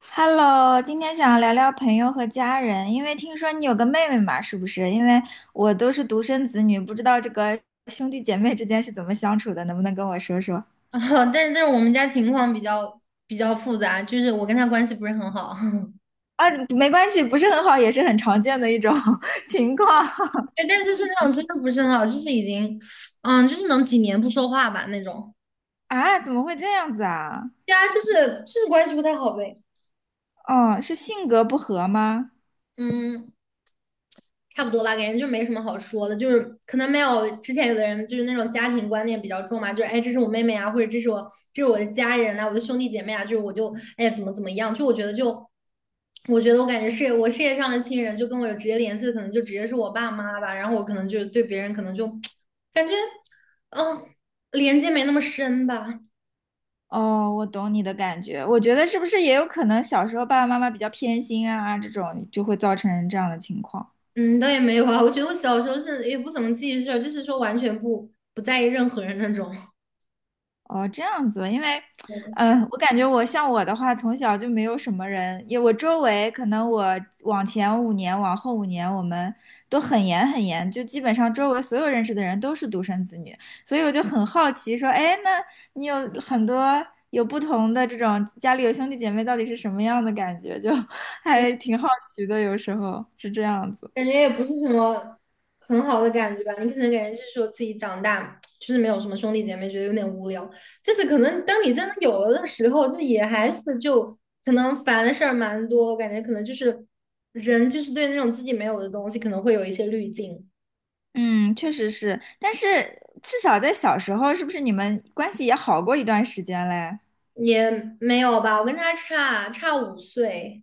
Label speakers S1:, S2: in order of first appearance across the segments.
S1: Hello，今天想要聊聊朋友和家人，因为听说你有个妹妹嘛，是不是？因为我都是独生子女，不知道这个兄弟姐妹之间是怎么相处的，能不能跟我说说？
S2: 但是但是我们家情况比较复杂，就是我跟他关系不是很好，
S1: 啊，没关系，不是很好，也是很常见的一种 情况
S2: 对，但是是那种真的不是很好，就是已经，就是能几年不说话吧那种，
S1: 啊，怎么会这样子啊？
S2: 对啊，就是关系不太好呗，
S1: 哦，是性格不合吗？
S2: 嗯。差不多吧，感觉就没什么好说的，就是可能没有之前有的人就是那种家庭观念比较重嘛，就是哎，这是我妹妹啊，或者这是我的家人啊，我的兄弟姐妹啊，就是我就哎呀怎么怎么样，就我觉得就我觉得我感觉是我事业上的亲人，就跟我有直接联系的，可能就直接是我爸妈吧，然后我可能就对别人可能就感觉嗯连接没那么深吧。
S1: 哦，我懂你的感觉，我觉得是不是也有可能小时候爸爸妈妈比较偏心啊，这种就会造成这样的情况。
S2: 嗯，倒也没有啊，我觉得我小时候是也不怎么记事儿就是说完全不在意任何人那种。
S1: 哦，这样子，因为，嗯，我感觉我像我的话，从小就没有什么人，也我周围可能我往前五年，往后五年，我们都很严，就基本上周围所有认识的人都是独生子女，所以我就很好奇，说，哎，那你有很多有不同的这种家里有兄弟姐妹，到底是什么样的感觉？就 还挺好奇的，有时候是这样子。
S2: 感觉也不是什么很好的感觉吧。你可能感觉就是说自己长大，就是没有什么兄弟姐妹，觉得有点无聊。就是可能当你真的有了的时候，就也还是就可能烦的事儿蛮多。我感觉可能就是人就是对那种自己没有的东西，可能会有一些滤镜。
S1: 嗯，确实是，但是至少在小时候，是不是你们关系也好过一段时间嘞？
S2: 也没有吧，我跟他差五岁，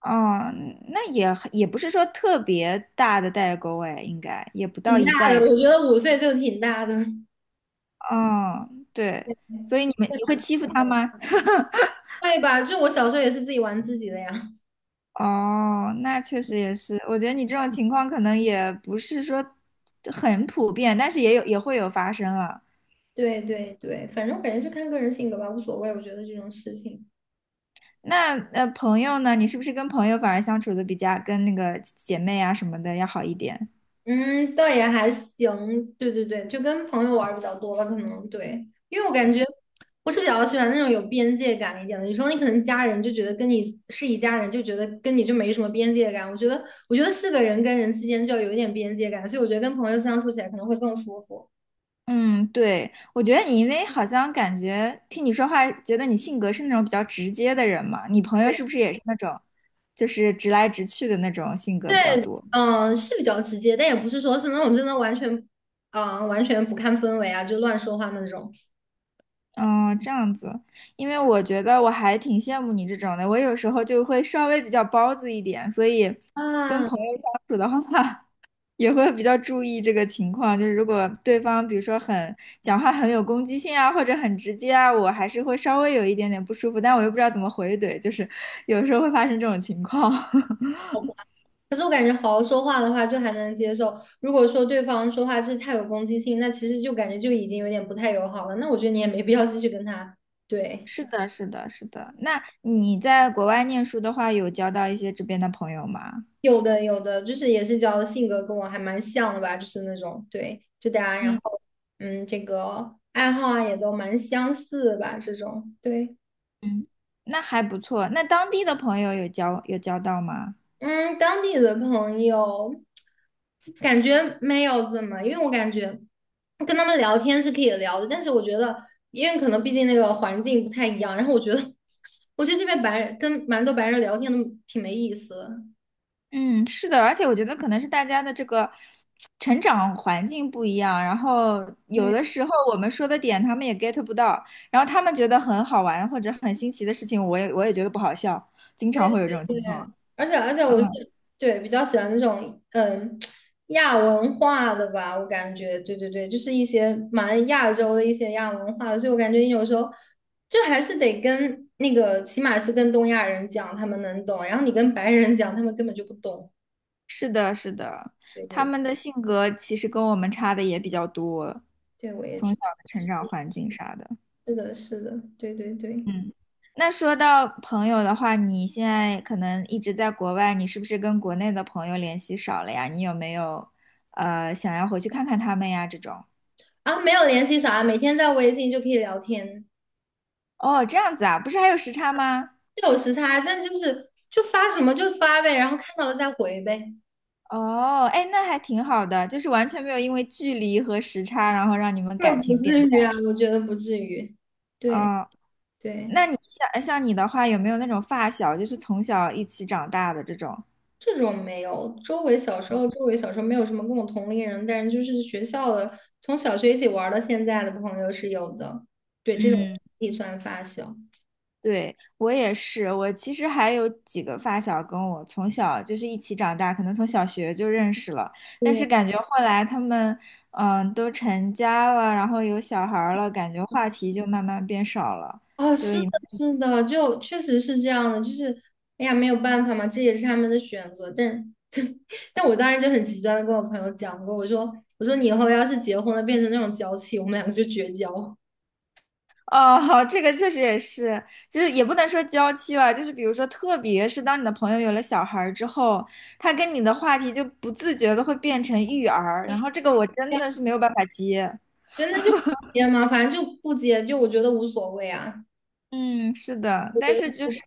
S1: 哦，那也不是说特别大的代沟哎，应该也不到
S2: 挺
S1: 一
S2: 大
S1: 代
S2: 的。
S1: 人。
S2: 我觉得五岁就挺大的。
S1: 哦，对，所以你会欺负他 吗？
S2: 会吧，就我小时候也是自己玩自己的呀。
S1: 哦，那确实也是，我觉得你这种情况可能也不是说很普遍，但是也会有发生啊。
S2: 对对对，反正我感觉是看个人性格吧，无所谓。我觉得这种事情，
S1: 那朋友呢？你是不是跟朋友反而相处的比较跟那个姐妹啊什么的要好一点？
S2: 嗯，倒也还行。对对对，就跟朋友玩儿比较多吧，可能对，因为我感觉我是比较喜欢那种有边界感一点的。有时候你可能家人就觉得跟你是一家人，就觉得跟你就没什么边界感。我觉得，我觉得是个人跟人之间就要有一点边界感，所以我觉得跟朋友相处起来可能会更舒服。
S1: 嗯，对，我觉得你因为好像感觉听你说话，觉得你性格是那种比较直接的人嘛，你朋友
S2: 对
S1: 是不是也是那种，就是直来直去的那种性格比较
S2: 对，
S1: 多？
S2: 嗯，是比较直接，但也不是说是那种真的完全，完全不看氛围啊，就乱说话那种。
S1: 嗯，这样子，因为我觉得我还挺羡慕你这种的，我有时候就会稍微比较包子一点，所以跟
S2: 啊，
S1: 朋友相处的话，也会比较注意这个情况。就是如果对方比如说很讲话很有攻击性啊，或者很直接啊，我还是会稍微有一点点不舒服，但我又不知道怎么回怼，就是有时候会发生这种情况。
S2: 可是我感觉好好说话的话，就还能接受。如果说对方说话就是太有攻击性，那其实就感觉就已经有点不太友好了。那我觉得你也没必要继续跟他。对，
S1: 是的，是的，是的。那你在国外念书的话，有交到一些这边的朋友吗？
S2: 有的有的，就是也是交的性格跟我还蛮像的吧，就是那种对，就大家然
S1: 嗯。
S2: 后嗯，这个爱好啊也都蛮相似的吧，这种对。
S1: 嗯，那还不错。那当地的朋友有交到吗？
S2: 嗯，当地的朋友感觉没有怎么，因为我感觉跟他们聊天是可以聊的，但是我觉得，因为可能毕竟那个环境不太一样，然后我觉得，我觉得这边白人跟蛮多白人聊天都挺没意思的。
S1: 嗯，是的，而且我觉得可能是大家的这个成长环境不一样，然后有的时候我们说的点他们也 get 不到，然后他们觉得很好玩或者很新奇的事情，我也觉得不好笑，经
S2: 对
S1: 常会有这种
S2: 对
S1: 情
S2: 对，
S1: 况。
S2: 而且
S1: 嗯，
S2: 我是对比较喜欢那种亚文化的吧，我感觉对对对，就是一些蛮亚洲的一些亚文化的，所以我感觉你有时候就还是得跟那个起码是跟东亚人讲，他们能懂，然后你跟白人讲，他们根本就不懂。
S1: 是的，是的，
S2: 对
S1: 他
S2: 对
S1: 们的性格其实跟我们差的也比较多，
S2: 对，我也
S1: 从
S2: 觉
S1: 小的成长环境啥的。
S2: 得是的，是的，对对对。
S1: 嗯，那说到朋友的话，你现在可能一直在国外，你是不是跟国内的朋友联系少了呀？你有没有想要回去看看他们呀？这种
S2: 啊，没有联系啥，每天在微信就可以聊天，
S1: 哦，这样子啊，不是还有时差吗？
S2: 是有时差，但就是就发什么就发呗，然后看到了再回呗。
S1: 哦，哎，那还挺好的，就是完全没有因为距离和时差，然后让你们感
S2: 那不
S1: 情变
S2: 至于啊，
S1: 淡。
S2: 我觉得不至于。对
S1: 哦，
S2: 对，
S1: 那你像你的话，有没有那种发小，就是从小一起长大的这种？
S2: 这种没有。周围小时候，周围小时候没有什么跟我同龄人，但是就是学校的，从小学一起玩儿到现在的朋友是有的。对，这种
S1: 嗯。
S2: 也算发小。
S1: 对，我也是，我其实还有几个发小跟我从小就是一起长大，可能从小学就认识了，但是
S2: 对，
S1: 感觉后来他们嗯都成家了，然后有小孩儿了，感觉话题就慢慢变少了，
S2: 哦，
S1: 就
S2: 是的，
S1: 也
S2: 是的，就确实是这样的，就是，哎呀，没有办法嘛，这也是他们的选择。但是，但我当时就很极端的跟我朋友讲过，我说，我说你以后要是结婚了，变成那种娇气，我们两个就绝交。
S1: 哦，这个确实也是，就是也不能说娇妻吧，就是比如说，特别是当你的朋友有了小孩儿之后，他跟你的话题就不自觉的会变成育儿，然后这个我真的是没有办法接。
S2: 真的就不接吗？反正就不接，就我觉得无所谓啊。
S1: 嗯，是的，
S2: 我
S1: 但
S2: 觉得
S1: 是就
S2: 不
S1: 是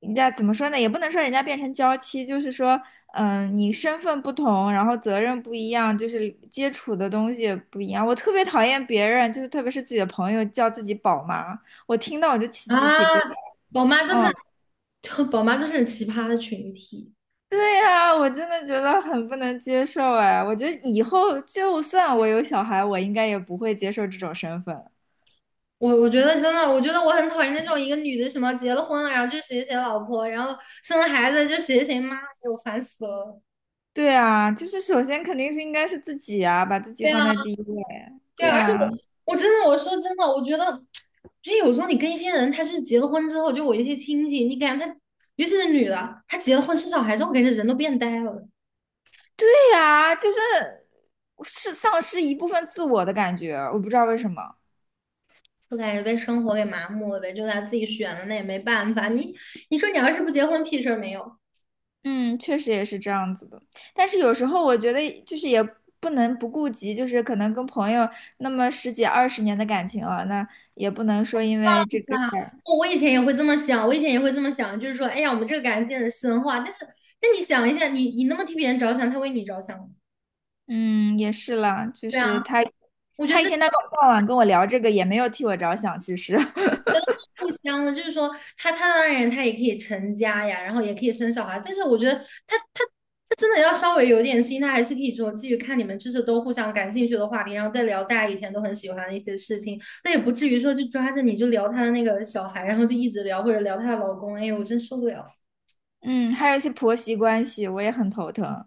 S1: 人家怎么说呢？也不能说人家变成娇妻，就是说，嗯、你身份不同，然后责任不一样，就是接触的东西也不一样。我特别讨厌别人，就是特别是自己的朋友叫自己宝妈，我听到我就起
S2: 啊，
S1: 鸡皮疙瘩。
S2: 宝妈就是
S1: 嗯，
S2: 就宝妈就是很奇葩的群体。
S1: 对呀、我真的觉得很不能接受哎。我觉得以后就算我有小孩，我应该也不会接受这种身份。
S2: 我觉得真的，我觉得我很讨厌那种一个女的什么结了婚了，然后就谁谁老婆，然后生了孩子就谁谁妈，给我烦死了。
S1: 对啊，就是首先肯定是应该是自己啊，把自己
S2: 对
S1: 放
S2: 啊，
S1: 在第一位。
S2: 对
S1: 对
S2: 啊，而且我
S1: 呀、
S2: 我真的我说真的，我觉得就有时候你跟一些人，他是结了婚之后，就我一些亲戚，你感觉他，尤其是女的，她结了婚生小孩之后，我感觉人都变呆了。
S1: 对呀，就是是丧失一部分自我的感觉，我不知道为什么。
S2: 我感觉被生活给麻木了呗，就他自己选的，那也没办法。你说你要是不结婚，屁事儿没有。
S1: 嗯，确实也是这样子的。但是有时候我觉得，就是也不能不顾及，就是可能跟朋友那么十几二十年的感情了，那也不能说因为这个事
S2: 啊，
S1: 儿。
S2: 我以前也会这么想，我以前也会这么想，就是说，哎呀，我们这个感情很深化。但是，但你想一下，你那么替别人着想，他为你着想吗？
S1: 嗯，也是啦，就
S2: 对啊，
S1: 是他
S2: 我觉得
S1: 他一
S2: 这。
S1: 天到晚跟我聊这个，也没有替我着想，其实。
S2: 互相的，就是说他当然他也可以成家呀，然后也可以生小孩，但是我觉得他他他真的要稍微有点心，他还是可以说继续看你们就是都互相感兴趣的话题，然后再聊大家以前都很喜欢的一些事情，那也不至于说就抓着你就聊他的那个小孩，然后就一直聊或者聊他的老公，哎呦，我真受不了。
S1: 嗯，还有一些婆媳关系，我也很头疼。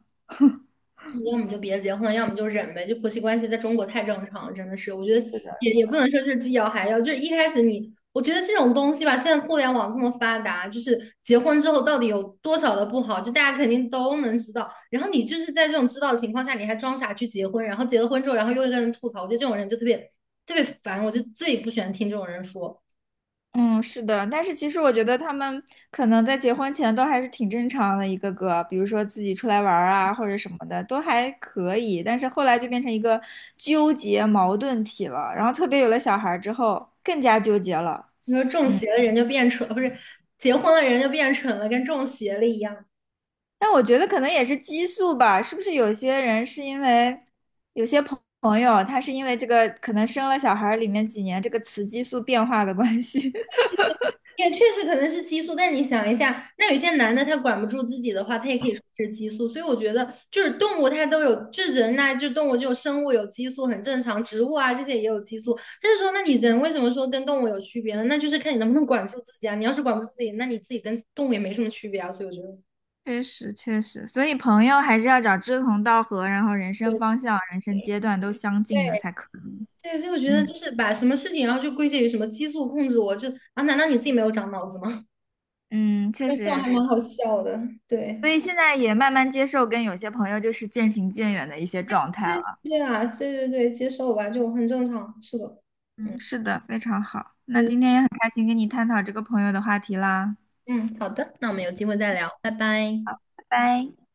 S2: 要么就别结婚，要么就忍呗。就婆媳关系在中国太正常了，真的是，我觉得也也不能说就是既要还要，就是一开始你，我觉得这种东西吧，现在互联网这么发达，就是结婚之后到底有多少的不好，就大家肯定都能知道。然后你就是在这种知道的情况下，你还装傻去结婚，然后结了婚之后，然后又跟人吐槽，我觉得这种人就特别烦，我就最不喜欢听这种人说。
S1: 嗯，是的，但是其实我觉得他们可能在结婚前都还是挺正常的，一个个，比如说自己出来玩儿啊，或者什么的，都还可以。但是后来就变成一个纠结矛盾体了，然后特别有了小孩儿之后，更加纠结了。
S2: 你说中
S1: 嗯，
S2: 邪了人就变蠢，不是结婚了人就变蠢了，跟中邪了一样。
S1: 但我觉得可能也是激素吧，是不是有些人是因为有些朋友，他是因为这个可能生了小孩儿里面几年这个雌激素变化的关系，
S2: 也确实可能是激素，但你想一下，那有些男的他管不住自己的话，他也可以说是激素。所以我觉得，就是动物它都有，就人呐、就动物这种生物有激素很正常，植物啊这些也有激素。但是说，那你人为什么说跟动物有区别呢？那就是看你能不能管住自己啊。你要是管不住自己，那你自己跟动物也没什么区别啊。所以我觉得。
S1: 确实，所以朋友还是要找志同道合，然后人生
S2: 对
S1: 方向、人生阶段都相近的
S2: 对
S1: 才可以。
S2: 对，所以我觉得就
S1: 嗯
S2: 是把什么事情，然后就归结于什么激素控制我，就啊，难道你自己没有长脑子吗？
S1: 嗯，确
S2: 这
S1: 实
S2: 种
S1: 也
S2: 还
S1: 是，
S2: 蛮好笑的，
S1: 所
S2: 对。
S1: 以现在也慢慢接受跟有些朋友就是渐行渐远的一些状态
S2: 对
S1: 了。
S2: 对啊，对对对，接受吧，就很正常，是的，嗯，
S1: 嗯，是的，非常好。
S2: 就
S1: 那
S2: 是
S1: 今天也很开心跟你探讨这个朋友的话题啦，
S2: 嗯，好的，那我们有机会再聊，拜拜。
S1: 拜拜。